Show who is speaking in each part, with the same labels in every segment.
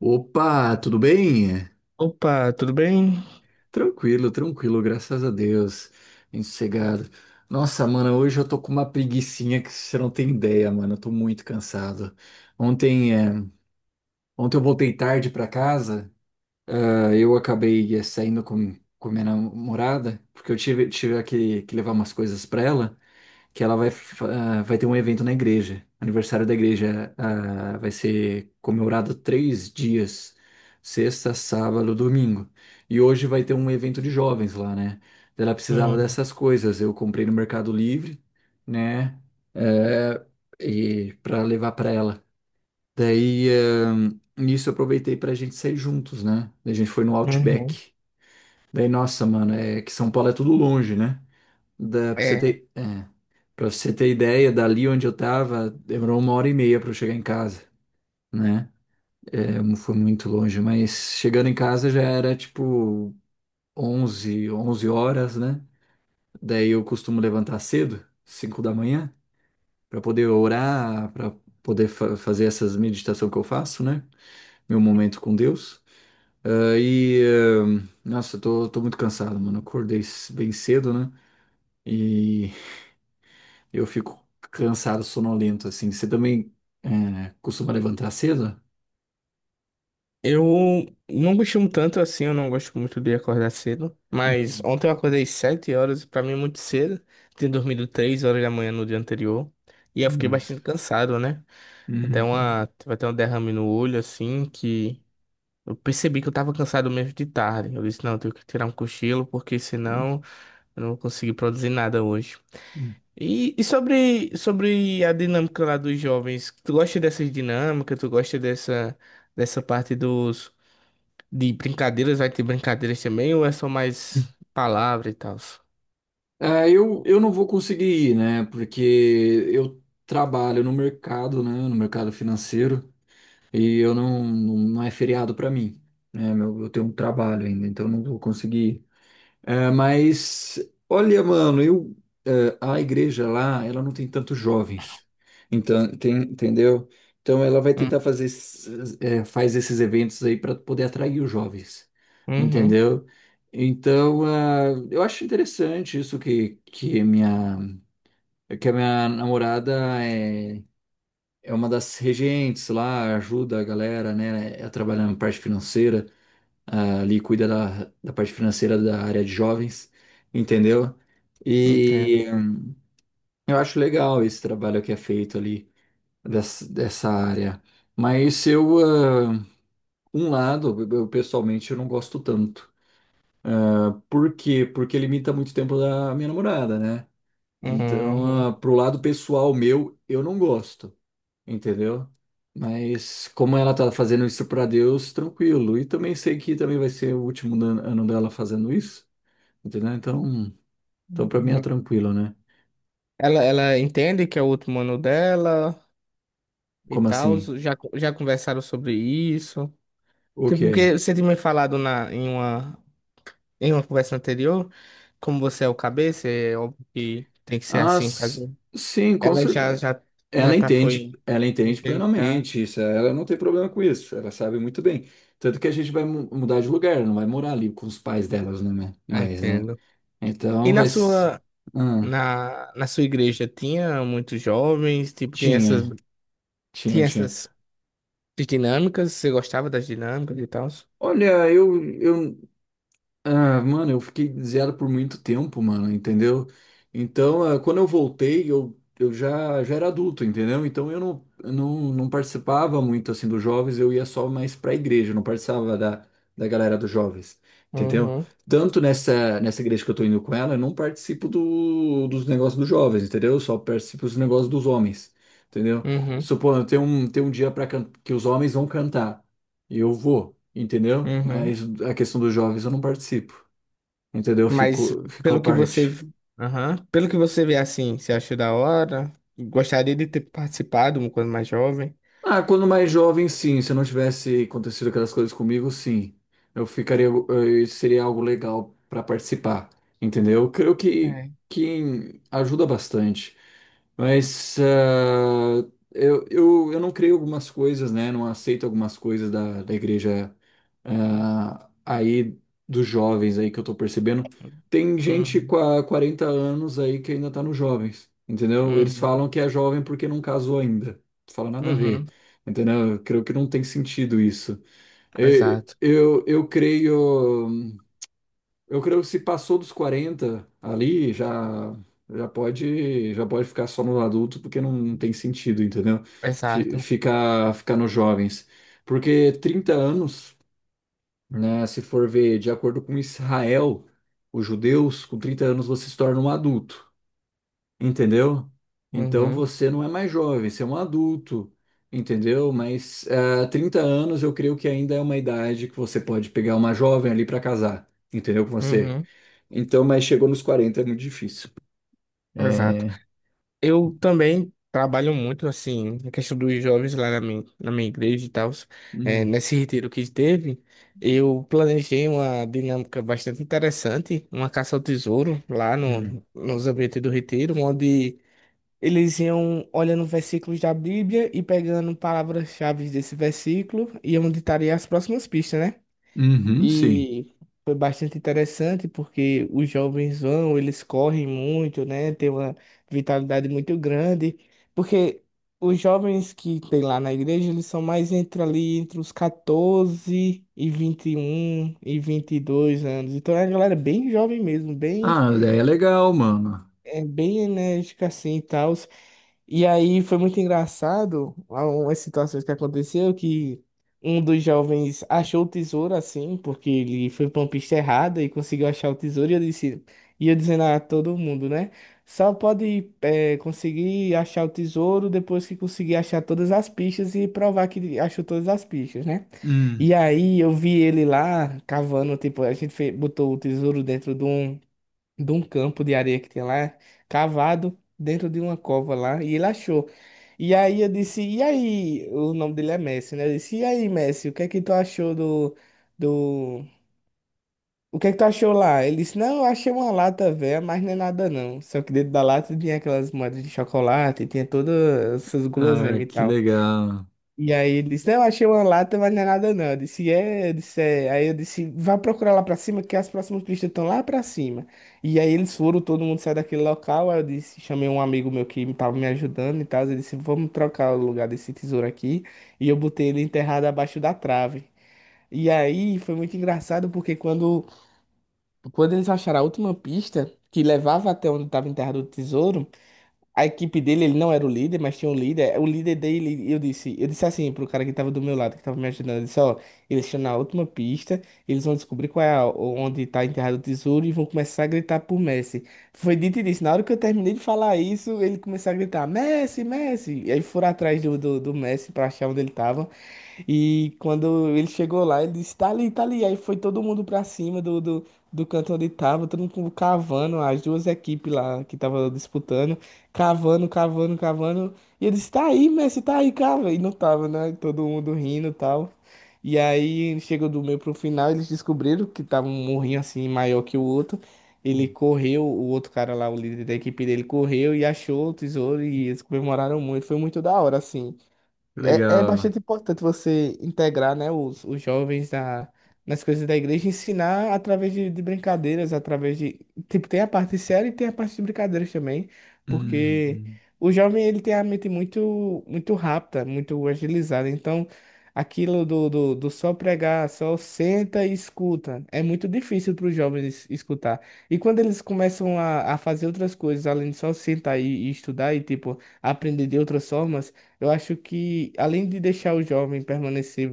Speaker 1: Opa, tudo bem?
Speaker 2: Opa, tudo bem?
Speaker 1: Tranquilo, tranquilo, graças a Deus. Bem sossegado. Nossa, mano, hoje eu tô com uma preguicinha que você não tem ideia, mano. Eu tô muito cansado. Ontem, é, ontem eu voltei tarde pra casa. Eu acabei saindo com minha namorada, porque eu tive que levar umas coisas para ela, que ela vai ter um evento na igreja. Aniversário da igreja, vai ser comemorado 3 dias, sexta, sábado, domingo. E hoje vai ter um evento de jovens lá, né? Ela precisava
Speaker 2: Hum,
Speaker 1: dessas coisas. Eu comprei no Mercado Livre, né? Eh, e para levar para ela. Daí, nisso eu aproveitei pra gente sair juntos, né? Daí a gente foi no
Speaker 2: uhum.
Speaker 1: Outback. Daí, nossa, mano, é que São Paulo é tudo longe, né? Da, pra você
Speaker 2: É,
Speaker 1: ter, é, pra você ter ideia, dali onde eu tava, demorou uma hora e meia pra eu chegar em casa, né? É, não foi muito longe, mas chegando em casa já era tipo onze horas, né? Daí eu costumo levantar cedo, 5 da manhã, pra poder orar, pra poder fazer essas meditações que eu faço, né? Meu momento com Deus. E nossa, eu tô muito cansado, mano. Eu acordei bem cedo, né? E eu fico cansado, sonolento, assim. Você também costuma levantar cedo?
Speaker 2: eu não costumo tanto assim, eu não gosto muito de acordar cedo, mas
Speaker 1: Hum.
Speaker 2: ontem eu acordei 7 horas, pra mim é muito cedo, tinha dormido 3 horas da manhã no dia anterior, e eu fiquei
Speaker 1: Nossa.
Speaker 2: bastante cansado, né? Até
Speaker 1: Uhum.
Speaker 2: uma, tive até um derrame no olho, assim, que eu percebi que eu tava cansado mesmo de tarde. Eu disse, não, eu tenho que tirar um cochilo, porque senão eu não vou conseguir produzir nada hoje. E sobre a dinâmica lá dos jovens, tu gosta dessas dinâmicas, tu gosta dessa parte de brincadeiras, vai ter brincadeiras também, ou é só mais palavra e tal?
Speaker 1: Eu não vou conseguir ir, né? Porque eu trabalho no mercado, né? No mercado financeiro, e eu não é feriado pra mim, né? Eu tenho um trabalho ainda, então eu não vou conseguir. É, mas, olha, mano, a igreja lá, ela não tem tantos jovens, então, tem, entendeu? Então ela vai
Speaker 2: Hum,
Speaker 1: tentar faz esses eventos aí para poder atrair os jovens,
Speaker 2: Uhum,
Speaker 1: entendeu? Então, eu acho interessante isso que a minha namorada é uma das regentes lá, ajuda a galera, né, a trabalhar na parte financeira, ali cuida da parte financeira da área de jovens, entendeu?
Speaker 2: entendo.
Speaker 1: E eu acho legal esse trabalho que é feito ali dessa área. Mas um lado, eu pessoalmente eu não gosto tanto. Ah, por quê? Porque limita muito o tempo da minha namorada, né?
Speaker 2: Uhum,
Speaker 1: Então,
Speaker 2: uhum.
Speaker 1: pro lado pessoal meu, eu não gosto, entendeu? Mas como ela tá fazendo isso pra Deus, tranquilo. E também sei que também vai ser o último ano dela fazendo isso. Entendeu? Então, então para mim é
Speaker 2: Uhum.
Speaker 1: tranquilo, né?
Speaker 2: Ela entende que é o último ano dela e
Speaker 1: Como
Speaker 2: tal,
Speaker 1: assim?
Speaker 2: já conversaram sobre isso.
Speaker 1: O
Speaker 2: Tipo,
Speaker 1: quê?
Speaker 2: porque você tinha me falado em uma conversa anterior, como você é o cabeça, é óbvio que tem que ser
Speaker 1: Ah,
Speaker 2: assim.
Speaker 1: s- sim, com
Speaker 2: Ela já
Speaker 1: certeza.
Speaker 2: já já tá foi
Speaker 1: Ela entende
Speaker 2: entende já
Speaker 1: plenamente isso. Ela não tem problema com isso. Ela sabe muito bem. Tanto que a gente vai mudar de lugar, não vai morar ali com os pais delas, né? Né? Mais, né?
Speaker 2: entendo. E
Speaker 1: Então
Speaker 2: na
Speaker 1: vai.
Speaker 2: sua
Speaker 1: Ah,
Speaker 2: na, na sua igreja tinha muitos jovens, tipo, tem essas
Speaker 1: tinha, tinha,
Speaker 2: tinha
Speaker 1: tinha.
Speaker 2: essas dinâmicas, você gostava das dinâmicas e tal?
Speaker 1: Olha, mano, eu fiquei zero por muito tempo, mano, entendeu? Então, quando eu voltei, já era adulto, entendeu? Então eu não participava muito assim dos jovens, eu ia só mais pra igreja, eu não participava da galera dos jovens, entendeu?
Speaker 2: Uhum,
Speaker 1: Tanto nessa igreja que eu tô indo com ela, eu não participo dos negócios dos jovens, entendeu? Eu só participo dos negócios dos homens, entendeu?
Speaker 2: uhum,
Speaker 1: Supondo, tem um dia para que os homens vão cantar, e eu vou, entendeu?
Speaker 2: uhum.
Speaker 1: Mas a questão dos jovens eu não participo. Entendeu?
Speaker 2: Mas
Speaker 1: Ficou à
Speaker 2: pelo que você,
Speaker 1: parte.
Speaker 2: aham, Pelo que você vê assim, você achou da hora? Gostaria de ter participado quando mais jovem?
Speaker 1: Ah, quando mais jovem, sim. Se não tivesse acontecido aquelas coisas comigo, sim. Eu ficaria, seria algo legal para participar, entendeu? Eu creio que,
Speaker 2: É.
Speaker 1: que ajuda bastante. Mas eu não creio algumas coisas, né? Não aceito algumas coisas da igreja aí dos jovens aí que eu tô percebendo. Tem gente com
Speaker 2: Uhum,
Speaker 1: a 40 anos aí que ainda tá nos jovens, entendeu? Eles
Speaker 2: uhum,
Speaker 1: falam que é jovem porque não casou ainda. Não fala nada a
Speaker 2: uhum.
Speaker 1: ver. Entendeu? Eu creio que não tem sentido isso. E-
Speaker 2: Exato,
Speaker 1: Eu, eu creio, eu creio que se passou dos 40 ali, já pode ficar só no adulto, porque não tem sentido, entendeu? Fi-
Speaker 2: exato.
Speaker 1: Ficar ficar nos jovens. Porque 30 anos, né, se for ver de acordo com Israel, os judeus, com 30 anos você se torna um adulto. Entendeu? Então
Speaker 2: Uhum,
Speaker 1: você não é mais jovem, você é um adulto, entendeu? Mas 30 anos eu creio que ainda é uma idade que você pode pegar uma jovem ali para casar, entendeu? Com você.
Speaker 2: uhum.
Speaker 1: Então, mas chegou nos 40 é muito difícil.
Speaker 2: Exato.
Speaker 1: É.
Speaker 2: Eu também trabalho muito, assim, na questão dos jovens lá na minha, igreja e tal. É,
Speaker 1: Hum,
Speaker 2: nesse retiro que teve, eu planejei uma dinâmica bastante interessante, uma caça ao tesouro lá
Speaker 1: hum.
Speaker 2: no, nos ambientes do retiro, onde eles iam olhando versículos da Bíblia e pegando palavras-chave desse versículo e onde estaria as próximas pistas, né?
Speaker 1: Uhum, sim.
Speaker 2: E foi bastante interessante porque os jovens vão, eles correm muito, né? Tem uma vitalidade muito grande, porque os jovens que tem lá na igreja, eles são mais entre os 14 e 21 e 22 anos. Então é uma galera bem jovem mesmo,
Speaker 1: Ah, daí é legal, mano.
Speaker 2: bem enérgica assim, e tal. E aí foi muito engraçado algumas situações que aconteceu que um dos jovens achou o tesouro assim, porque ele foi pra uma pista errada e conseguiu achar o tesouro e eu dizendo a todo mundo, né? Só pode conseguir achar o tesouro depois que conseguir achar todas as pistas e provar que ele achou todas as pistas, né? E
Speaker 1: Hum.
Speaker 2: aí eu vi ele lá cavando, tipo, a gente botou o tesouro dentro de um campo de areia que tinha lá, cavado dentro de uma cova lá, e ele achou. E aí eu disse, e aí, o nome dele é Messi, né? Eu disse, e aí, Messi, o que é que tu achou do. O que é que tu achou lá? Ele disse, não, eu achei uma lata velha, mas não é nada não. Só que dentro da lata tinha aquelas moedas de chocolate, tinha todas essas
Speaker 1: Ah,
Speaker 2: guloseimas e
Speaker 1: que
Speaker 2: tal.
Speaker 1: legal.
Speaker 2: E aí ele disse, não, achei uma lata, mas não é nada não. Eu disse, é, eu disse, é. Aí eu disse, vá procurar lá pra cima, que as próximas pistas estão lá pra cima. E aí eles foram, todo mundo saiu daquele local. Aí eu disse, chamei um amigo meu que tava me ajudando e tal. Ele disse, vamos trocar o lugar desse tesouro aqui. E eu botei ele enterrado abaixo da trave. E aí foi muito engraçado, porque quando eles acharam a última pista, que levava até onde estava enterrado o tesouro, a equipe dele, ele não era o líder, mas tinha um líder. O líder dele, eu disse assim pro cara que tava do meu lado, que tava me ajudando, eu disse, ó, eles estão na última pista, eles vão descobrir qual é onde tá enterrado o tesouro e vão começar a gritar por Messi. Foi dito e disse, na hora que eu terminei de falar isso, ele começou a gritar, Messi, Messi! E aí foram atrás do Messi pra achar onde ele tava. E quando ele chegou lá, ele disse: tá ali, tá ali. Aí foi todo mundo pra cima do canto onde tava, todo mundo cavando, as duas equipes lá que tava disputando, cavando, cavando, cavando. E ele disse: tá aí, Messi, tá aí, cava. E não tava, né? Todo mundo rindo e tal. E aí chegou do meio pro final, eles descobriram que tava um morrinho assim maior que o outro. Ele
Speaker 1: Hum.
Speaker 2: correu, o outro cara lá, o líder da equipe dele, correu e achou o tesouro e eles comemoraram muito. Foi muito da hora, assim.
Speaker 1: Que
Speaker 2: É
Speaker 1: legal.
Speaker 2: bastante importante você integrar, né, os jovens nas coisas da igreja, ensinar através de brincadeiras, através de. Tipo, tem a parte séria e tem a parte de brincadeiras também,
Speaker 1: Hum,
Speaker 2: porque
Speaker 1: hum.
Speaker 2: o jovem, ele tem a mente muito, muito rápida, muito agilizada, então aquilo do só pregar, só senta e escuta, é muito difícil para os jovens escutar. E quando eles começam a fazer outras coisas, além de só sentar e estudar e, tipo, aprender de outras formas, eu acho que, além de deixar o jovem permanecer,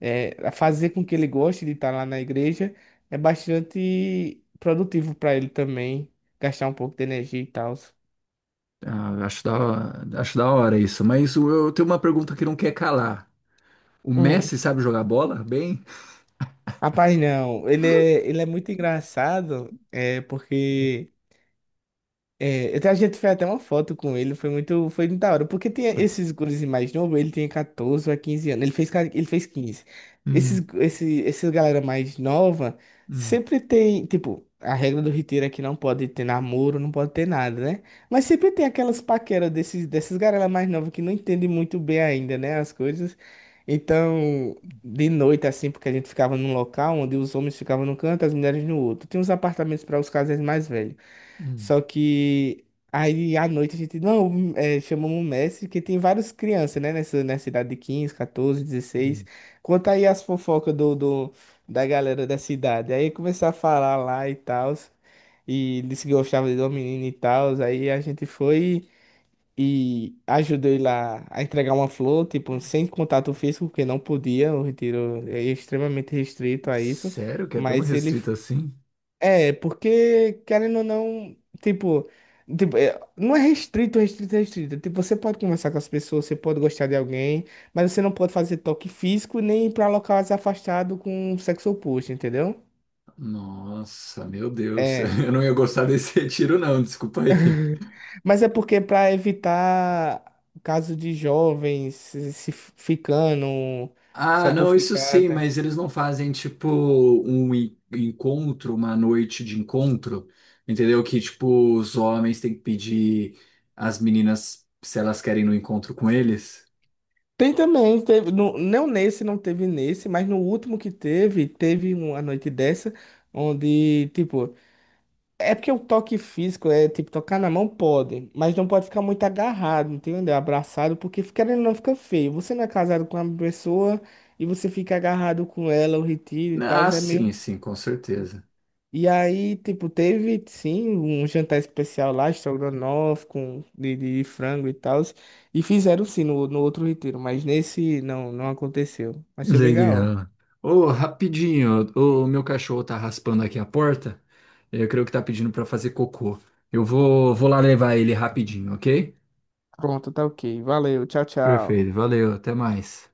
Speaker 2: é, fazer com que ele goste de estar lá na igreja, é bastante produtivo para ele também, gastar um pouco de energia e tal.
Speaker 1: Ah, acho da hora isso. Mas eu tenho uma pergunta que não quer calar. O
Speaker 2: Hum.
Speaker 1: Messi sabe jogar bola bem?
Speaker 2: Rapaz, não, ele é, muito engraçado, é porque. É, até a gente fez até uma foto com ele, foi muito da hora, porque tem esses gurus mais novos, ele tem 14 a 15 anos, ele fez 15. Esses,
Speaker 1: Hum,
Speaker 2: esse, essa galera mais nova
Speaker 1: hum,
Speaker 2: sempre tem, tipo, a regra do Riteiro é que não pode ter namoro, não pode ter nada, né? Mas sempre tem aquelas paqueras dessas galera mais nova que não entendem muito bem ainda, né, as coisas. Então, de noite, assim, porque a gente ficava num local onde os homens ficavam num canto, as mulheres no outro. Tinha uns apartamentos para os casais mais velhos.
Speaker 1: hum,
Speaker 2: Só que aí à noite a gente, não, chamamos o mestre, que tem várias crianças, né, nessa idade de 15 14, 16.
Speaker 1: hum.
Speaker 2: Conta aí as fofocas da galera da cidade. Aí começou a falar lá e tal, e disse que gostava de uma menina e tal. Aí a gente foi e ajudou ele lá a entregar uma flor, tipo, sem contato físico, porque não podia, o retiro é extremamente restrito a isso.
Speaker 1: Sério que é tão
Speaker 2: Mas ele
Speaker 1: restrito assim?
Speaker 2: é, porque, querendo ou não, tipo, é, não é restrito, restrito, restrito. Tipo, você pode conversar com as pessoas, você pode gostar de alguém, mas você não pode fazer toque físico nem ir pra locais afastados com o sexo oposto, entendeu?
Speaker 1: Nossa, meu Deus.
Speaker 2: É,
Speaker 1: Eu não ia gostar desse retiro, não, desculpa aí.
Speaker 2: mas é porque pra evitar caso de jovens se ficando
Speaker 1: Ah,
Speaker 2: só por
Speaker 1: não, isso
Speaker 2: ficar,
Speaker 1: sim,
Speaker 2: tá?
Speaker 1: mas eles não fazem tipo um encontro, uma noite de encontro, entendeu? Que tipo os homens têm que pedir às meninas se elas querem ir no encontro com eles.
Speaker 2: Tem também, teve, não nesse, não teve nesse, mas no último que teve, teve uma noite dessa, onde, tipo, é porque o toque físico é tipo tocar na mão pode, mas não pode ficar muito agarrado, entendeu? Abraçado, porque querendo ou não fica feio. Você não é casado com uma pessoa e você fica agarrado com ela, o retiro e tal,
Speaker 1: Ah,
Speaker 2: é
Speaker 1: sim,
Speaker 2: meio.
Speaker 1: sim, com certeza.
Speaker 2: E aí, tipo, teve sim um jantar especial lá, estrogonofe de frango e tal, e fizeram sim no outro retiro, mas nesse não, não aconteceu. Mas foi bem da hora.
Speaker 1: Legal. Ô, rapidinho, o meu cachorro tá raspando aqui a porta. Eu creio que tá pedindo pra fazer cocô. Eu vou lá levar ele rapidinho, ok?
Speaker 2: Pronto, tá ok. Valeu, tchau,
Speaker 1: Perfeito,
Speaker 2: tchau.
Speaker 1: valeu, até mais.